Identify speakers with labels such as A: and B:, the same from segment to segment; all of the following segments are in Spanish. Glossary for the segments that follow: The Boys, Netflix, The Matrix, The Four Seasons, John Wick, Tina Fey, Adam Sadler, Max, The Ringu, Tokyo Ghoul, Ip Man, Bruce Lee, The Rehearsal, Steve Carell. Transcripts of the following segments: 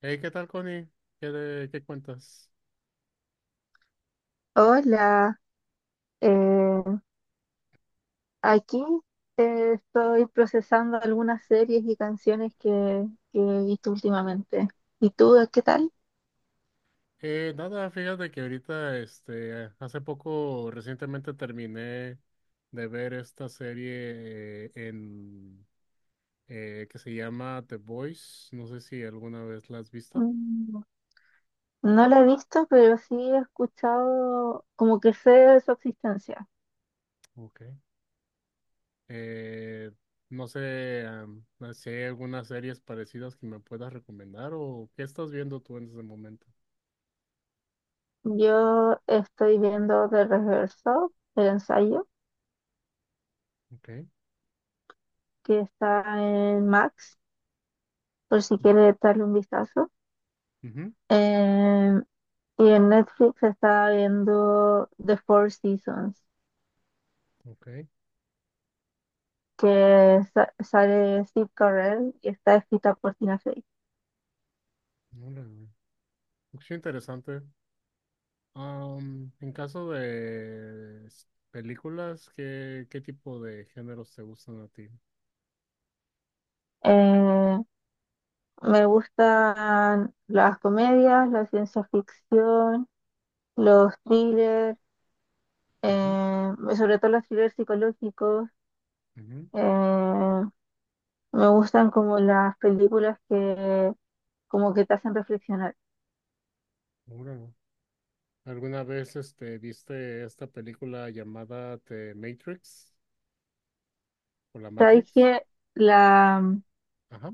A: Hey, ¿qué tal, Connie? ¿Qué, qué cuentas?
B: Hola, eh, aquí estoy procesando algunas series y canciones que he visto últimamente. ¿Y tú, qué tal?
A: Nada, fíjate que ahorita, este, hace poco, recientemente terminé de ver esta serie en que se llama The Boys. No sé si alguna vez la has visto.
B: Mm, no la he visto, pero sí he escuchado, como que sé de su existencia.
A: Okay. Eh, no sé si hay algunas series parecidas que me puedas recomendar o qué estás viendo tú en ese momento.
B: Yo estoy viendo The Rehearsal, el ensayo,
A: Okay.
B: que está en Max, por si quieres darle un vistazo.
A: Ujú.
B: Em, y en Netflix está viendo The Four Seasons.
A: Okay.
B: Sale Steve Carell y está escrita por Tina Fey.
A: Órale. Es interesante. Am, en caso de películas, ¿qué, qué tipo de géneros te gustan a ti?
B: Eh, Me gustan las comedias, la ciencia ficción, los thrillers,
A: Ujú,
B: eh, sobre todo los thrillers psicológicos.
A: ujú,
B: Eh, Me gustan como las películas que como que te hacen reflexionar.
A: ahora, ¿alguna vez este, viste esta película llamada The Matrix o La
B: Sabes
A: Matrix?
B: que la,
A: Ajá.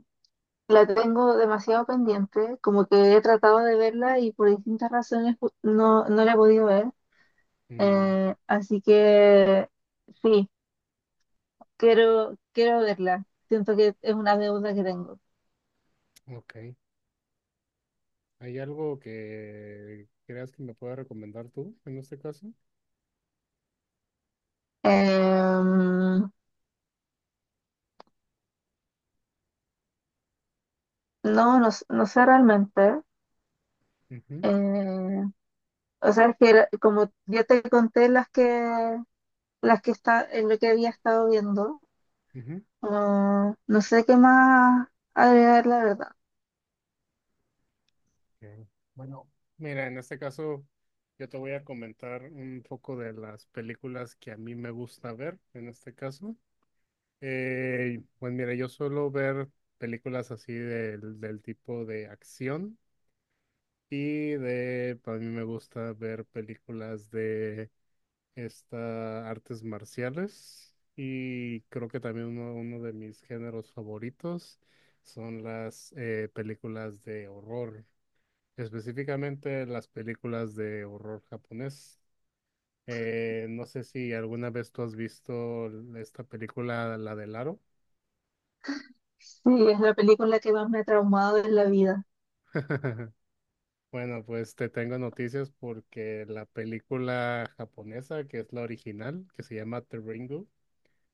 B: la tengo demasiado pendiente, como que he tratado de verla y por distintas razones no la he podido ver.
A: Mm,
B: Así que sí, quiero verla. Siento que es una deuda que tengo.
A: ok. ¿Hay algo que creas que me pueda recomendar tú en este caso?
B: Em, no, no sé realmente.
A: Ujú,
B: Eh, o sea, como ya te conté las que está, en lo que había estado viendo,
A: ujú.
B: no sé qué más agregar, la verdad.
A: Ok. Bueno, mira, en este caso yo te voy a comentar un poco de las películas que a mí me gusta ver, en este caso. Pues mira, yo suelo ver películas así del tipo de acción y de, para mí me gusta ver películas de esta, artes marciales y creo que también uno de mis géneros favoritos son las películas de horror, específicamente las películas de horror japonés. No sé si alguna vez tú has visto esta película, la del Aro.
B: Sí, es la película que más me ha traumado en la vida.
A: Bueno, pues te tengo noticias porque la película japonesa, que es la original, que se llama The Ringu,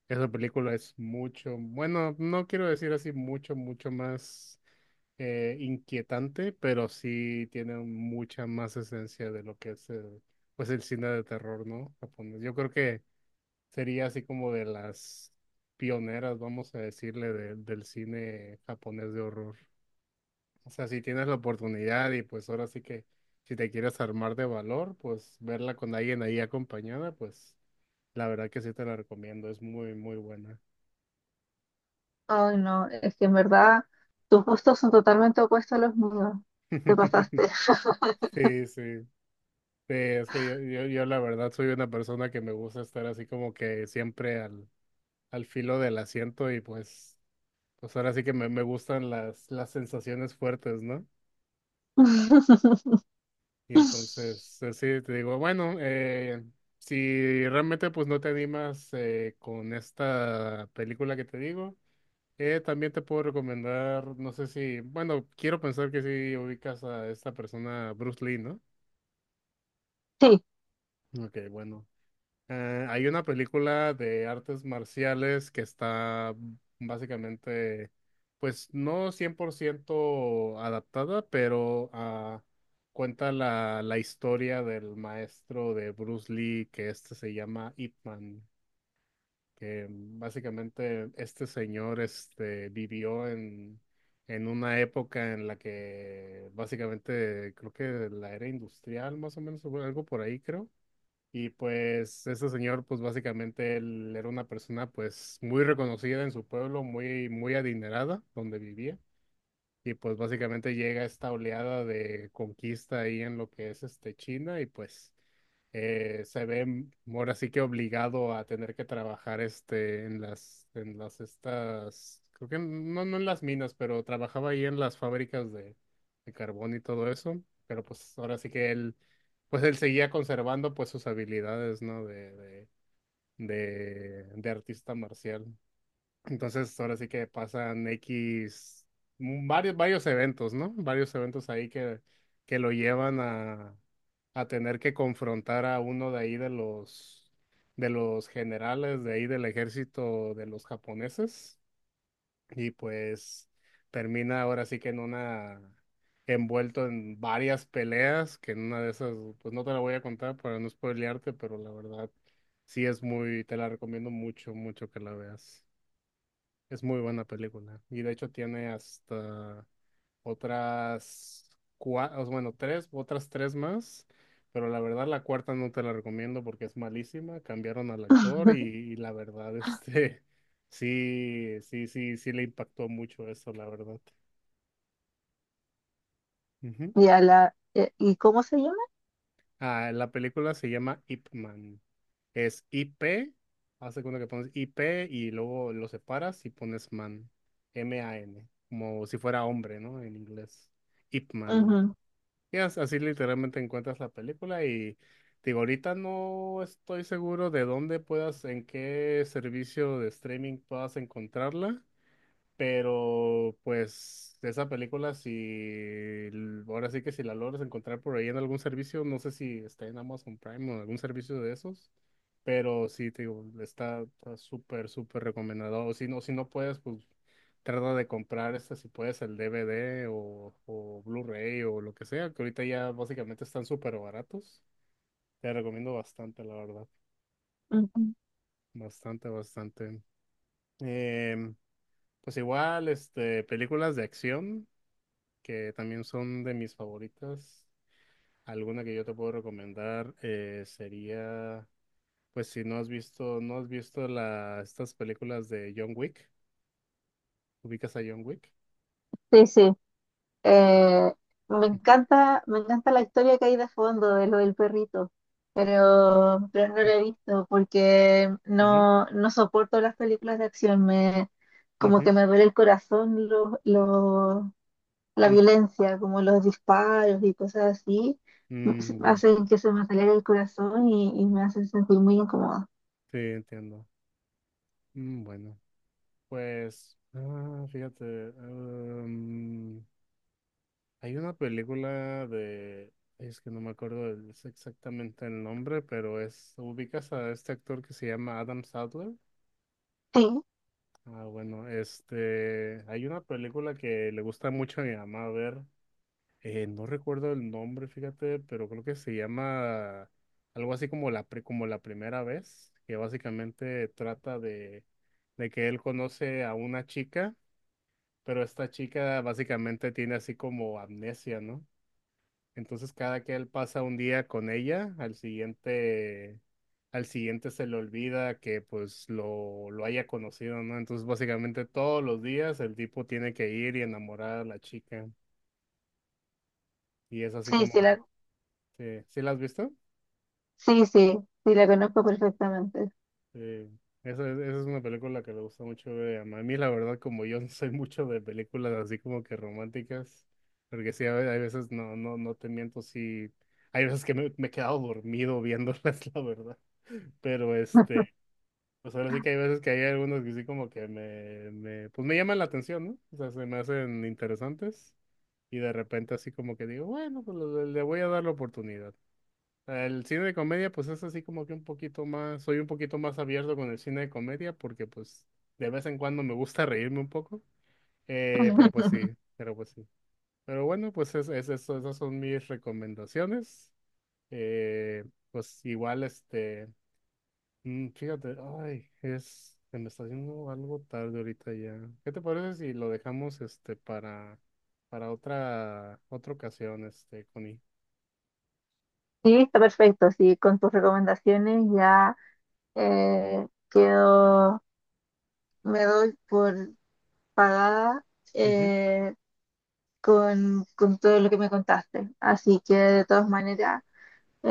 A: esa película es mucho, bueno, no quiero decir así mucho, mucho más inquietante, pero sí tiene mucha más esencia de lo que es el, pues el cine de terror, ¿no? Japonés. Yo creo que sería así como de las pioneras, vamos a decirle, del cine japonés de horror. O sea, si tienes la oportunidad y pues ahora sí que si te quieres armar de valor, pues verla con alguien ahí acompañada, pues la verdad que sí te la recomiendo, es muy, muy buena.
B: Ay, no, es que en verdad tus gustos son totalmente opuestos a los míos. Te pasaste.
A: Sí, sí. Sí, es que yo la verdad soy una persona que me gusta estar así como que siempre al, al filo del asiento y pues, pues ahora sí que me gustan las sensaciones fuertes, ¿no? Y entonces, así te digo, bueno, si realmente pues no te animas con esta película que te digo, también te puedo recomendar, no sé si, bueno, quiero pensar que sí ubicas a esta persona, Bruce Lee, ¿no?
B: Sí,
A: Ok, bueno, hay una película de artes marciales que está básicamente, pues no 100% adaptada, pero cuenta la, la historia del maestro de Bruce Lee, que este se llama Ip Man, que básicamente este señor este, vivió en una época en la que básicamente creo que la era industrial más o menos, o algo por ahí creo y pues ese señor, pues básicamente él era una persona pues muy reconocida en su pueblo, muy, muy adinerada donde vivía. Y pues básicamente llega esta oleada de conquista ahí en lo que es este China y pues se ve ahora sí que obligado a tener que trabajar este en las estas creo que no no en las minas, pero trabajaba ahí en las fábricas de carbón y todo eso, pero pues ahora sí que él pues él seguía conservando pues sus habilidades, ¿no? de artista marcial. Entonces, ahora sí que pasan X, mm, varios, varios eventos, ¿no? Varios eventos ahí que lo llevan a tener que confrontar a uno de ahí de los generales de ahí del ejército de los japoneses. Y pues termina ahora sí que en una, envuelto en varias peleas, que en una de esas, pues no te la voy a contar para no spoilearte, pero la verdad, sí es muy, te la recomiendo mucho, mucho que la veas. Es muy buena película. Y de hecho tiene hasta otras cuatro, bueno, tres, otras tres más. Pero la verdad la cuarta no te la recomiendo porque es malísima. Cambiaron al actor y la verdad, este, sí, sí, sí, sí le impactó mucho eso, la verdad. Ujú.
B: y a la. ¿Y cómo se llama?
A: Ah, la película se llama Ip Man. Es I P, hace cuenta que pones I P y luego lo separas y pones man, M-A-N, como si fuera hombre, ¿no? En inglés. Ip Man.
B: Ujú,
A: Y así literalmente encuentras la película y digo, ahorita no estoy seguro de dónde puedas, en qué servicio de streaming puedas encontrarla. Pero pues esa película, si ahora sí que si la logras encontrar por ahí en algún servicio, no sé si está en Amazon Prime o en algún servicio de esos, pero sí, te digo, está súper, súper recomendado. O si no, si no puedes, pues trata de comprar este, si puedes, el DVD o Blu-ray o lo que sea, que ahorita ya básicamente están súper baratos. Te recomiendo bastante, la verdad.
B: ujú.
A: Bastante, bastante. Em, pues igual, este, películas de acción. Que también son de mis favoritas. Alguna que yo te puedo recomendar sería, pues si no has visto, no has visto la, estas películas de John Wick, ¿ubicas a John Wick?
B: Sí, sí. Eh, Me encanta, me encanta la historia que hay de fondo de lo del perrito, pero no
A: Sí.
B: la he visto porque
A: Ujú,
B: no soporto las películas de acción. Como
A: ujú,
B: que me duele el corazón la
A: mm,
B: violencia, como los disparos y cosas así,
A: mm, ya.
B: hacen que se me acelere el corazón y me hacen sentir muy incómoda.
A: Sí, entiendo. Mm. Bueno, pues, ah, fíjate, em, hay una película de, es que no me acuerdo es exactamente el nombre, pero es, ubicas a este actor que se llama Adam Sadler.
B: Sí.
A: Ah, bueno, este, hay una película que le gusta mucho a mi mamá ver, no recuerdo el nombre, fíjate, pero creo que se llama algo así como la, como la primera vez, que básicamente trata de que él conoce a una chica, pero esta chica básicamente tiene así como amnesia, ¿no? Entonces cada que él pasa un día con ella, al siguiente se le olvida que pues lo haya conocido, ¿no? Entonces básicamente todos los días el tipo tiene que ir y enamorar a la chica. Y es así
B: Sí,
A: como,
B: sí,
A: ¿sí, sí la has visto?
B: sí, sí, sí, la conozco perfectamente.
A: Sí. Esa, esa es una película que le gusta mucho ver a mí, la verdad, como yo no soy mucho de películas así como que románticas, porque sí, hay veces, no, no, no te miento, sí, hay veces que me he quedado dormido viéndolas, la verdad. Pero este, pues ahora sí que hay veces que hay algunos que sí como que me, pues me llaman la atención, ¿no? O sea, se me hacen interesantes y de repente así como que digo, bueno, pues le voy a dar la oportunidad. El cine de comedia, pues es así como que un poquito más, soy un poquito más abierto con el cine de comedia porque pues de vez en cuando me gusta reírme un poco, pero pues sí, pero pues sí. Pero bueno, pues es eso, esas son mis recomendaciones. Eh, pues igual este... Mm, fíjate, ay, es, se me está haciendo algo tarde ahorita ya. ¿Qué te parece si lo dejamos este para otra, otra ocasión, este, Connie?
B: Sí, está perfecto. Sí, con tus recomendaciones ya quedo, me doy por pagada,
A: Ujú.
B: eh, con todo lo que me contaste. Así que de todas maneras,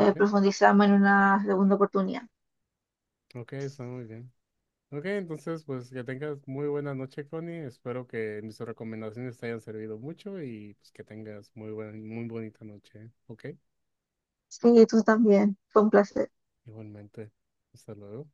A: Ok,
B: profundizamos en una segunda oportunidad.
A: ok, está muy bien. Ok, entonces pues que tengas muy buena noche, Connie. Espero que mis recomendaciones te hayan servido mucho y pues que tengas muy buena, muy bonita noche. ¿Eh? Ok,
B: Sí, tú también. Fue un placer.
A: igualmente. Hasta luego.